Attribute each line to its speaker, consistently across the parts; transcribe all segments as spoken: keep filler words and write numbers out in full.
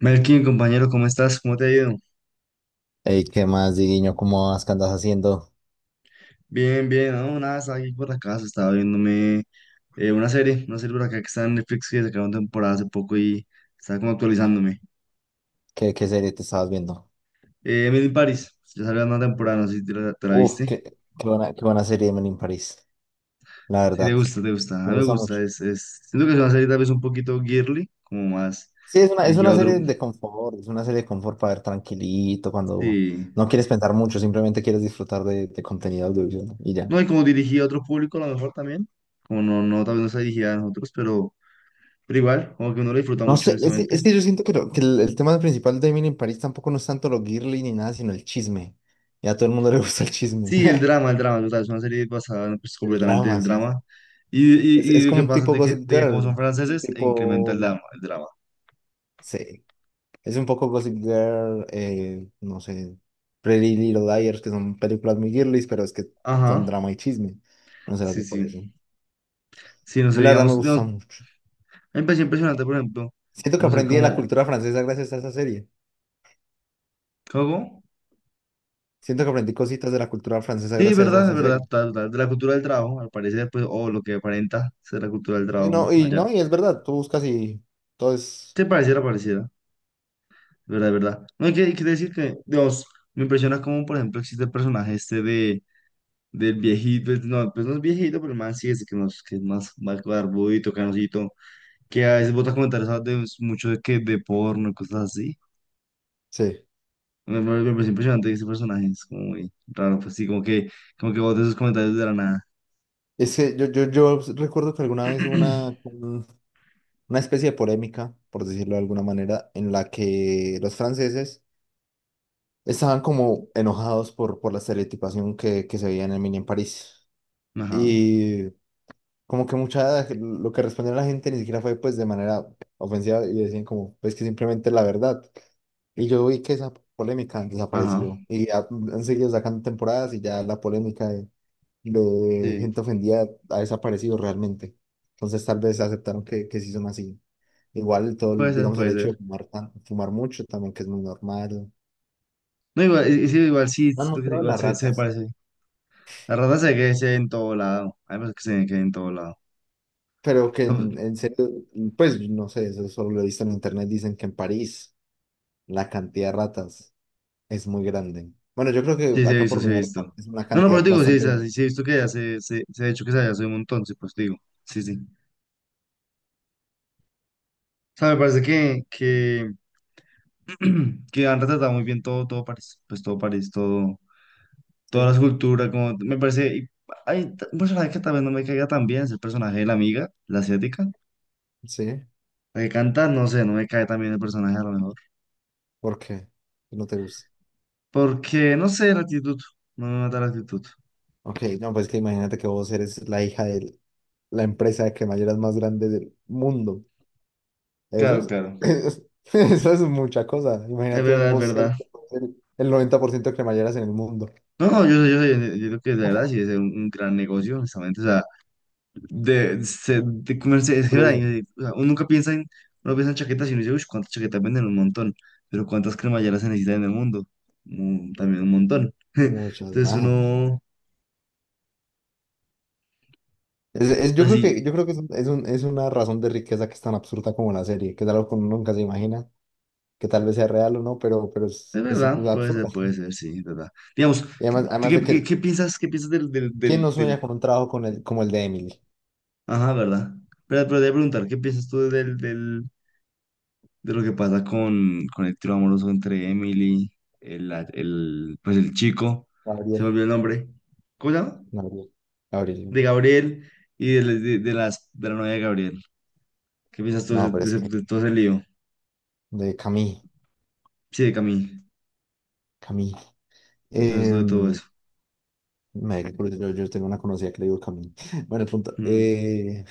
Speaker 1: Melkin, compañero, ¿cómo estás? ¿Cómo te ha ido?
Speaker 2: Ey, ¿qué más, Diguiño? ¿Cómo vas? ¿Qué andas haciendo?
Speaker 1: Bien, bien, no, nada, estaba aquí por la casa, estaba viéndome eh, una serie, una serie por acá que está en Netflix que sacaron temporada hace poco y estaba como actualizándome.
Speaker 2: ¿Qué, qué serie te estabas viendo?
Speaker 1: Eh, Emily in Paris, ya salió una temporada, no sé si te la, te la
Speaker 2: Uf,
Speaker 1: viste.
Speaker 2: qué, qué buena, qué buena serie Men in Paris, la
Speaker 1: Sí, te
Speaker 2: verdad.
Speaker 1: gusta, te gusta, a
Speaker 2: Me
Speaker 1: mí me
Speaker 2: gusta
Speaker 1: gusta,
Speaker 2: mucho.
Speaker 1: es, es, siento que es una serie tal vez un poquito girly, como más
Speaker 2: Sí, es una, es
Speaker 1: dirigida a
Speaker 2: una
Speaker 1: otro,
Speaker 2: serie de confort, es una serie de confort para ver tranquilito, cuando
Speaker 1: sí,
Speaker 2: no quieres pensar mucho, simplemente quieres disfrutar de, de contenido audiovisual y ya.
Speaker 1: no, y como dirigida a otro público a lo mejor también, como no, no, tal vez no está dirigida a nosotros, pero, pero igual, como que uno la disfruta
Speaker 2: No
Speaker 1: mucho,
Speaker 2: sé, es que,
Speaker 1: honestamente.
Speaker 2: es que yo siento que, lo- que el, el tema principal de Men in Paris tampoco no es tanto lo girly ni nada, sino el chisme. Y a todo el mundo le gusta el chisme.
Speaker 1: Sí, el drama, el drama, total, es una serie basada en, pues,
Speaker 2: El
Speaker 1: completamente en
Speaker 2: drama,
Speaker 1: el
Speaker 2: sí, sí.
Speaker 1: drama. Y,
Speaker 2: Es,
Speaker 1: y,
Speaker 2: es
Speaker 1: y lo
Speaker 2: como
Speaker 1: que
Speaker 2: un
Speaker 1: pasa es
Speaker 2: tipo
Speaker 1: de que,
Speaker 2: Gossip
Speaker 1: de que como
Speaker 2: Girl,
Speaker 1: son
Speaker 2: un
Speaker 1: franceses, e incrementa
Speaker 2: tipo...
Speaker 1: el drama, el drama.
Speaker 2: Sí, es un poco Gossip Girl, eh, no sé, Pretty Little Liars, que son películas muy girlies, pero es que son
Speaker 1: Ajá,
Speaker 2: drama y chisme. No se las
Speaker 1: sí,
Speaker 2: veo por eso. A
Speaker 1: sí. Sí, no sé,
Speaker 2: mí la verdad me
Speaker 1: digamos,
Speaker 2: gusta
Speaker 1: no,
Speaker 2: mucho.
Speaker 1: me pareció impresionante, por ejemplo,
Speaker 2: Siento que
Speaker 1: no sé
Speaker 2: aprendí de la
Speaker 1: cómo,
Speaker 2: cultura francesa gracias a esa serie.
Speaker 1: ¿cómo?
Speaker 2: Siento que aprendí cositas de la cultura francesa
Speaker 1: Sí, es
Speaker 2: gracias a
Speaker 1: verdad, es
Speaker 2: esa
Speaker 1: verdad,
Speaker 2: serie.
Speaker 1: total, total, de la cultura del trabajo, al parecer, pues, o lo que aparenta ser la cultura del
Speaker 2: Sí
Speaker 1: trabajo
Speaker 2: no, y
Speaker 1: allá.
Speaker 2: no, y es verdad, tú buscas y todo es...
Speaker 1: Te pareciera, pareciera, es verdad, es verdad. No hay que, hay que decir que, Dios, me impresiona cómo, por ejemplo, existe el personaje este de del viejito, pues no, pues no es viejito, pero el man sí es que, nos, que es más, más barbudito, canosito, que a veces bota comentarios ah, de mucho de, que de porno y cosas así.
Speaker 2: Sí.
Speaker 1: Me, me- me parece impresionante ese personaje, es como muy raro, pues sí, como que, como que bota esos comentarios de la nada.
Speaker 2: Es que yo, yo, yo recuerdo que alguna vez hubo una, un- una especie de polémica, por decirlo de alguna manera, en la que los franceses estaban como enojados por, por la estereotipación que, que se veía en el mini en París.
Speaker 1: Ajá,
Speaker 2: Y como que mucha, lo que respondió la gente ni siquiera fue pues de manera ofensiva y decían como, pues que simplemente la verdad. Y yo vi que esa polémica desapareció
Speaker 1: ajá,
Speaker 2: y ya han seguido sacando temporadas y ya la polémica de, de
Speaker 1: sí,
Speaker 2: gente ofendida ha desaparecido realmente. Entonces tal vez aceptaron que, que sí son así. Igual todo,
Speaker 1: puede
Speaker 2: el-
Speaker 1: ser,
Speaker 2: digamos, el
Speaker 1: puede
Speaker 2: hecho de
Speaker 1: ser.
Speaker 2: fumar, tan- fumar mucho también, que es muy normal.
Speaker 1: No, igual, y- y sí, igual sí,
Speaker 2: Han
Speaker 1: siento que
Speaker 2: mostrado
Speaker 1: igual
Speaker 2: las
Speaker 1: se, se
Speaker 2: ratas.
Speaker 1: parece. La rata se ve que se ve en todo lado, hay veces que se ve que en todo lado.
Speaker 2: Pero que en, en serio, pues no sé, eso solo lo he visto en internet, dicen que en París la cantidad de ratas es muy grande. Bueno, yo creo
Speaker 1: Sí,
Speaker 2: que
Speaker 1: sí, he
Speaker 2: acá
Speaker 1: visto,
Speaker 2: por
Speaker 1: sí,
Speaker 2: mi
Speaker 1: he
Speaker 2: barrio
Speaker 1: visto.
Speaker 2: es una
Speaker 1: No, no, pero
Speaker 2: cantidad
Speaker 1: te digo, sí,
Speaker 2: bastante grande.
Speaker 1: sí, sí, he visto que ya se, se, se ha hecho que se haya subido un montón, sí, pues te digo. Sí, sí. O sea, me parece que, que, que han retratado muy bien todo, todo París, pues todo París, todo, toda la cultura, como, me parece, y hay t- un personaje que tal vez no me caiga tan bien, es el personaje de la amiga, la asiática,
Speaker 2: Sí, sí,
Speaker 1: la que canta, no sé, no me cae tan bien el personaje a lo mejor,
Speaker 2: ¿por qué? No te gusta.
Speaker 1: porque, no sé, la actitud, no me mata la actitud.
Speaker 2: Ok, no, pues que imagínate que vos eres la hija de la empresa de cremalleras más grande del mundo. Eso
Speaker 1: Claro, claro,
Speaker 2: es, eso es mucha cosa.
Speaker 1: es
Speaker 2: Imagínate
Speaker 1: verdad, es
Speaker 2: vos ser
Speaker 1: verdad.
Speaker 2: el noventa por ciento de cremalleras en el mundo.
Speaker 1: No, no, yo, yo, yo, yo creo que la verdad sí es un, un gran negocio, honestamente, de, se- de comerse, es que ay,
Speaker 2: Curioso.
Speaker 1: eh, o sea, uno nunca piensa en, uno piensa en chaquetas y uno dice, uff, cuántas chaquetas venden un montón, pero cuántas cremalleras se necesitan en el mundo, Mm, también un montón.
Speaker 2: Muchas
Speaker 1: Entonces
Speaker 2: más.
Speaker 1: uno,
Speaker 2: Es- es- yo
Speaker 1: pues
Speaker 2: creo que,
Speaker 1: sí,
Speaker 2: yo creo que es, un- es un- es una razón de riqueza que es tan absurda como la serie, que es algo que uno nunca se imagina, que tal vez sea real o no, pero, pero es,
Speaker 1: es
Speaker 2: es
Speaker 1: verdad, puede
Speaker 2: absurda.
Speaker 1: ser, puede ser, sí, es verdad. Digamos,
Speaker 2: Y
Speaker 1: ¿qué,
Speaker 2: además, además
Speaker 1: qué,
Speaker 2: de
Speaker 1: qué-
Speaker 2: que,
Speaker 1: qué piensas, qué piensas del, del,
Speaker 2: ¿quién
Speaker 1: del,
Speaker 2: no
Speaker 1: del?
Speaker 2: sueña con un trabajo con el, como el de Emily?
Speaker 1: Ajá, ¿verdad? Pero, pero te voy a preguntar, ¿qué piensas tú del, del, de lo que pasa con, con el trío amoroso entre Emily, el, el, pues el chico, se me
Speaker 2: Gabriel,
Speaker 1: olvidó el nombre, ¿cómo se llama?
Speaker 2: Gabriel, Gabriel,
Speaker 1: De
Speaker 2: Gabriel.
Speaker 1: Gabriel y de, de- de las, de la novia de Gabriel. ¿Qué piensas tú de,
Speaker 2: No,
Speaker 1: ese-
Speaker 2: pero
Speaker 1: de
Speaker 2: es que
Speaker 1: ese- de todo ese lío?
Speaker 2: de Camille,
Speaker 1: Sí, de Camille.
Speaker 2: Camille.
Speaker 1: ¿Qué piensas tú de todo
Speaker 2: Em,
Speaker 1: eso?
Speaker 2: Me da curiosidad, yo, yo tengo una conocida que le digo Camille. Bueno, el punto.
Speaker 1: Mm.
Speaker 2: eh,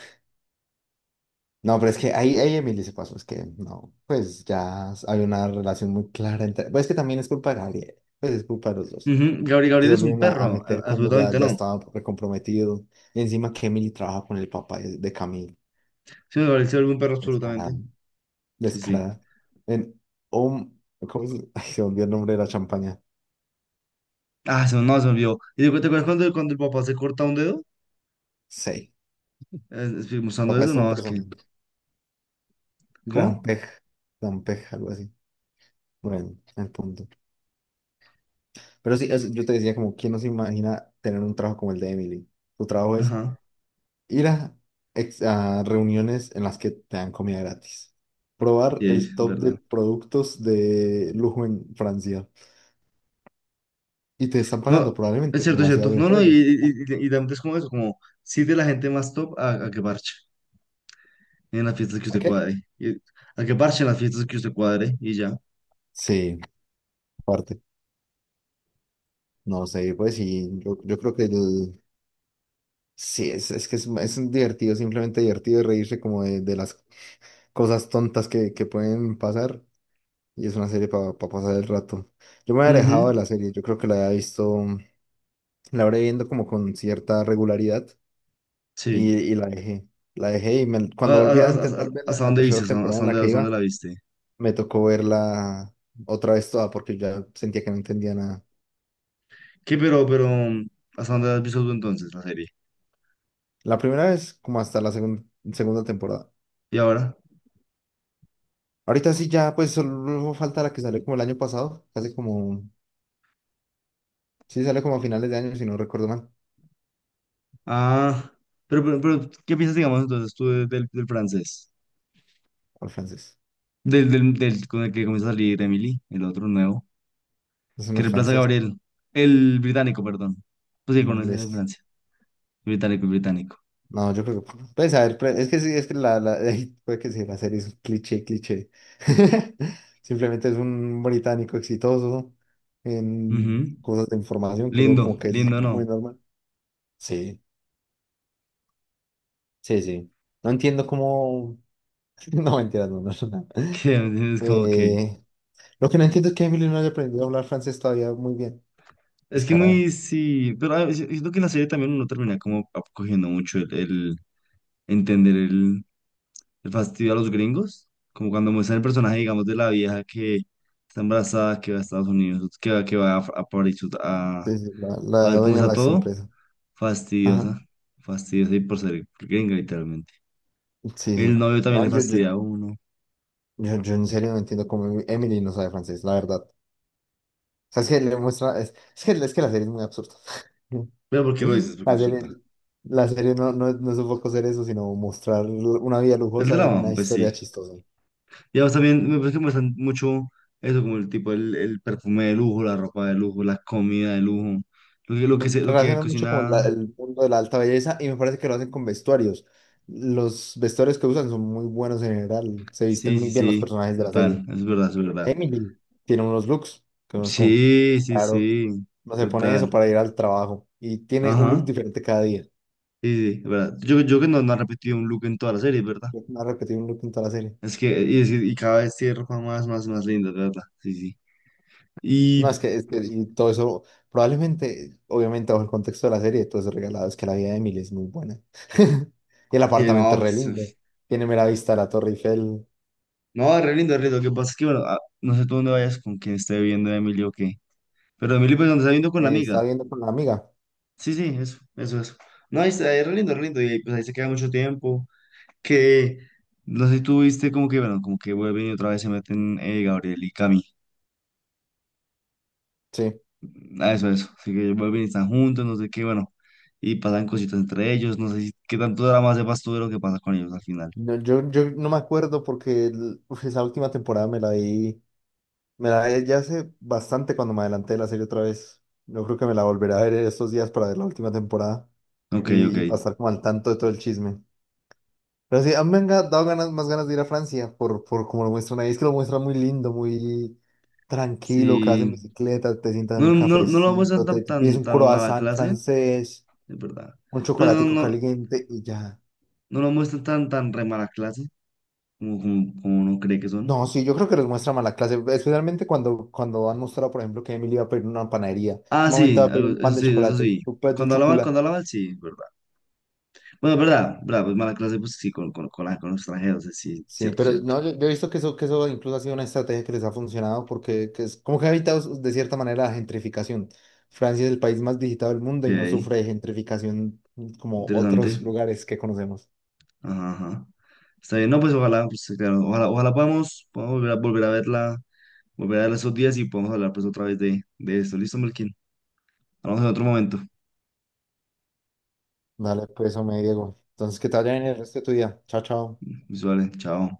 Speaker 2: No, pero es que ahí, ahí Emily se pasó, es que no, pues ya hay una relación muy clara entre, pues es que también es culpa de Gabriel, pues es culpa de los dos,
Speaker 1: Ujú, Gabriel,
Speaker 2: porque
Speaker 1: Gabriel
Speaker 2: se
Speaker 1: es un
Speaker 2: volvieron a, a
Speaker 1: perro, a-
Speaker 2: meter cuando ya,
Speaker 1: absolutamente
Speaker 2: ya
Speaker 1: no.
Speaker 2: estaba recomprometido, y encima que Emily trabaja con el papá de, de Camille,
Speaker 1: Sí, Gabriel se vuelve un perro absolutamente.
Speaker 2: descarada,
Speaker 1: Sí, sí.
Speaker 2: descarada, en, oh, ¿cómo se, ay, se volvió el nombre de la champaña?
Speaker 1: Ah, se, me- no, se me olvidó. ¿Y te, acuer- te acuerdas cuando, cuando el papá se corta un dedo?
Speaker 2: Sí,
Speaker 1: Eh, estoy mostrando
Speaker 2: papá
Speaker 1: eso,
Speaker 2: es todo un
Speaker 1: no, es que.
Speaker 2: personaje, gran
Speaker 1: ¿Cómo?
Speaker 2: pej, gran pej, algo así, bueno, el punto, pero sí, es- yo te decía como, ¿quién nos imagina tener un trabajo como el de Emily? Tu trabajo es
Speaker 1: Ajá.
Speaker 2: ir a, ex- a reuniones en las que te dan comida gratis. Probar
Speaker 1: Y es
Speaker 2: el top de
Speaker 1: verdad.
Speaker 2: productos de lujo en Francia. Y te están pagando
Speaker 1: No, es
Speaker 2: probablemente
Speaker 1: cierto, es cierto.
Speaker 2: demasiado bien
Speaker 1: No,
Speaker 2: por
Speaker 1: no, y,
Speaker 2: ello. Eh,
Speaker 1: y, y, y también es como eso, como sí de la gente más top a, a que parche. En las fiestas que
Speaker 2: ¿A
Speaker 1: usted
Speaker 2: qué?
Speaker 1: cuadre. Y a que parche en las fiestas que usted cuadre y ya.
Speaker 2: Sí, aparte. No sé, pues sí, yo, yo creo que el- sí, es, es que es, es divertido, simplemente divertido reírse como de, de las cosas tontas que, que pueden pasar. Y es una serie para pasar el rato. Yo me había
Speaker 1: Ujú,
Speaker 2: alejado de la serie, yo creo que la había visto, la habré viendo como con cierta regularidad y,
Speaker 1: sí.
Speaker 2: y la dejé. La dejé y me-
Speaker 1: A-
Speaker 2: cuando volví
Speaker 1: a-
Speaker 2: a
Speaker 1: a- a-
Speaker 2: intentar verla
Speaker 1: ¿Hasta
Speaker 2: en la
Speaker 1: dónde viste?
Speaker 2: tercera
Speaker 1: ¿Hasta
Speaker 2: temporada
Speaker 1: hasta
Speaker 2: en la
Speaker 1: dónde,
Speaker 2: que
Speaker 1: hasta dónde
Speaker 2: iba,
Speaker 1: la viste?
Speaker 2: me tocó verla otra vez toda porque ya sentía que no entendía nada.
Speaker 1: ¿Qué, pero, pero, mm, hasta dónde has visto tú entonces la serie?
Speaker 2: La primera vez como hasta la segun- segunda temporada.
Speaker 1: ¿Y ahora?
Speaker 2: Ahorita sí ya pues solo falta la que salió como el año pasado, casi como, sí salió como a finales de año si no recuerdo mal,
Speaker 1: Ah, pero, pero, pero, ¿qué piensas, digamos, entonces tú de- del, del francés?
Speaker 2: al francés.
Speaker 1: Del, del, del con el que comienza a salir Emily, el otro nuevo,
Speaker 2: Es
Speaker 1: que
Speaker 2: no
Speaker 1: reemplaza a
Speaker 2: francés,
Speaker 1: Gabriel, el británico, perdón. Pues sí, conoces de
Speaker 2: inglés.
Speaker 1: Francia, británico, británico.
Speaker 2: No, yo creo que, pues a ver, pre- es que sí, es que la, la, ay, puede que sí, la serie es un cliché, cliché. Simplemente es un británico exitoso en
Speaker 1: Ujú.
Speaker 2: cosas de información, que eso como
Speaker 1: Lindo,
Speaker 2: que es
Speaker 1: lindo,
Speaker 2: muy
Speaker 1: ¿no?
Speaker 2: normal. Sí, sí, sí. No entiendo cómo... No, mentira, no, no, no.
Speaker 1: Que es como que...
Speaker 2: Eh, lo que no entiendo es que Emily no haya aprendido a hablar francés todavía muy bien.
Speaker 1: Es que
Speaker 2: Descarada.
Speaker 1: muy, sí, pero ah, es- siento que en la serie también uno termina como ap- cogiendo mucho el, el entender el, el fastidio a los gringos, como cuando muestran el personaje, digamos, de la vieja que está embarazada, que va a Estados Unidos, que va, que va a, a París a,
Speaker 2: Sí, sí, la,
Speaker 1: a
Speaker 2: la
Speaker 1: ver cómo
Speaker 2: dueña de
Speaker 1: está
Speaker 2: la ex
Speaker 1: todo,
Speaker 2: empresa. Ajá.
Speaker 1: fastidiosa, fastidiosa y por ser gringa, literalmente.
Speaker 2: Sí, sí.
Speaker 1: El novio también le
Speaker 2: No, yo, yo,
Speaker 1: fastidia a uno.
Speaker 2: yo, yo en serio no entiendo cómo Emily no sabe francés, la verdad. Sea, es que le muestra, es, es que, es que la serie es muy absurda.
Speaker 1: Pero ¿por qué lo dices? Porque
Speaker 2: La
Speaker 1: es absurda.
Speaker 2: serie, la serie no, no, no supo hacer eso, sino mostrar una vida
Speaker 1: El
Speaker 2: lujosa,
Speaker 1: drama,
Speaker 2: una
Speaker 1: pues sí.
Speaker 2: historia chistosa.
Speaker 1: Y además también me parece que me mucho eso, como el tipo, el, el perfume de lujo, la ropa de lujo, la comida de lujo, lo que, lo que,
Speaker 2: Re-
Speaker 1: se, lo que
Speaker 2: relaciona mucho como la-
Speaker 1: cocina.
Speaker 2: el mundo de la alta belleza y me parece que lo hacen con vestuarios. Los vestuarios que usan son muy buenos en general, se visten
Speaker 1: Sí, sí,
Speaker 2: muy bien los
Speaker 1: sí,
Speaker 2: personajes de la
Speaker 1: total,
Speaker 2: serie.
Speaker 1: es verdad, es verdad.
Speaker 2: Emily tiene unos looks que uno es como,
Speaker 1: Sí, sí,
Speaker 2: claro,
Speaker 1: sí,
Speaker 2: no se pone eso
Speaker 1: total.
Speaker 2: para ir al trabajo y tiene un look
Speaker 1: Ajá,
Speaker 2: diferente cada día.
Speaker 1: sí, sí, es verdad. Yo, yo que no, no ha repetido un look en toda la serie, ¿verdad?
Speaker 2: No ha repetido un look en toda la serie.
Speaker 1: Es que, y, es y cada vez tiene ropa más, más, más linda, ¿verdad? Sí, sí.
Speaker 2: No, es
Speaker 1: Y,
Speaker 2: que, es que y todo eso, probablemente, obviamente bajo el contexto de la serie, todo es regalado, es que la vida de Emily es muy buena. Y el
Speaker 1: y
Speaker 2: apartamento
Speaker 1: no,
Speaker 2: es re
Speaker 1: pues, uf.
Speaker 2: lindo, tiene mera vista a la Torre Eiffel,
Speaker 1: No, re lindo, re lindo. Lo que pasa es que, bueno, ah, no sé tú dónde vayas con quien esté viendo Emilio o qué. ¿Pero Emilio, pues, donde está viendo con la
Speaker 2: eh,
Speaker 1: amiga?
Speaker 2: estaba viendo con la amiga,
Speaker 1: Sí, sí, eso, eso, eso. No, ahí está, es re lindo, re lindo, y pues ahí se queda mucho tiempo, que no sé si tú viste como que, bueno, como que vuelven y otra vez se meten eh, Gabriel y Cami,
Speaker 2: sí.
Speaker 1: ah, eso, eso, así que vuelven y están juntos, no sé qué, bueno, y pasan cositas entre ellos, no sé si, qué tanto drama sepas tú de lo que pasa con ellos al final.
Speaker 2: No, yo, yo no me acuerdo porque el- uf, esa última temporada me la vi, me la vi ya hace bastante cuando me adelanté de la serie otra vez. Yo creo que me la volveré a ver estos días para ver la última temporada
Speaker 1: Ok, ok,
Speaker 2: y, y pasar como al tanto de todo el chisme. Pero sí, a mí me han ga- dado ganas, más ganas de ir a Francia por, por como lo muestran ahí. Es que lo muestran muy lindo, muy tranquilo, que vas en
Speaker 1: sí,
Speaker 2: bicicleta, te sientas en
Speaker 1: no,
Speaker 2: un
Speaker 1: no, no lo muestran
Speaker 2: cafecito,
Speaker 1: tan,
Speaker 2: te, te pides
Speaker 1: tan,
Speaker 2: un
Speaker 1: tan mala
Speaker 2: croissant
Speaker 1: clase,
Speaker 2: francés,
Speaker 1: es verdad,
Speaker 2: un
Speaker 1: pero no,
Speaker 2: chocolatico
Speaker 1: no,
Speaker 2: caliente y ya.
Speaker 1: no lo muestran tan, tan re mala clase, como, como, como uno cree que son.
Speaker 2: No, sí, yo creo que les muestra mala clase, especialmente cuando, cuando han mostrado, por ejemplo, que Emily iba a pedir una panadería.
Speaker 1: Ah,
Speaker 2: Un momento
Speaker 1: sí,
Speaker 2: va a pedir un
Speaker 1: algo- eso
Speaker 2: pan de
Speaker 1: sí, eso
Speaker 2: chocolate,
Speaker 1: sí.
Speaker 2: un pan de
Speaker 1: Cuando habla mal,
Speaker 2: chocolate.
Speaker 1: cuando habla mal, sí, verdad. Bueno, verdad, verdad, pues mala clase, pues sí, con, con, con la- con los extranjeros, eh, sí,
Speaker 2: Sí,
Speaker 1: cierto,
Speaker 2: pero
Speaker 1: cierto.
Speaker 2: no, yo, yo he visto que eso, que eso incluso ha sido una estrategia que les ha funcionado porque que es como que ha evitado de cierta manera la gentrificación. Francia es el país más visitado del mundo y no
Speaker 1: Ok,
Speaker 2: sufre de gentrificación, mm, como otros
Speaker 1: interesante.
Speaker 2: lugares que conocemos.
Speaker 1: Ajá, ajá. Está bien, no, pues ojalá, pues claro, ojalá, ojalá podamos, podamos volver a, volver a verla, volver a verla esos días y podamos hablar pues otra vez de, de esto. Listo, Melkin. Hablamos en otro momento.
Speaker 2: Dale, pues, hombre, Diego. Entonces, que te vaya bien el resto de tu día. Chao, chao.
Speaker 1: Visuales, chao.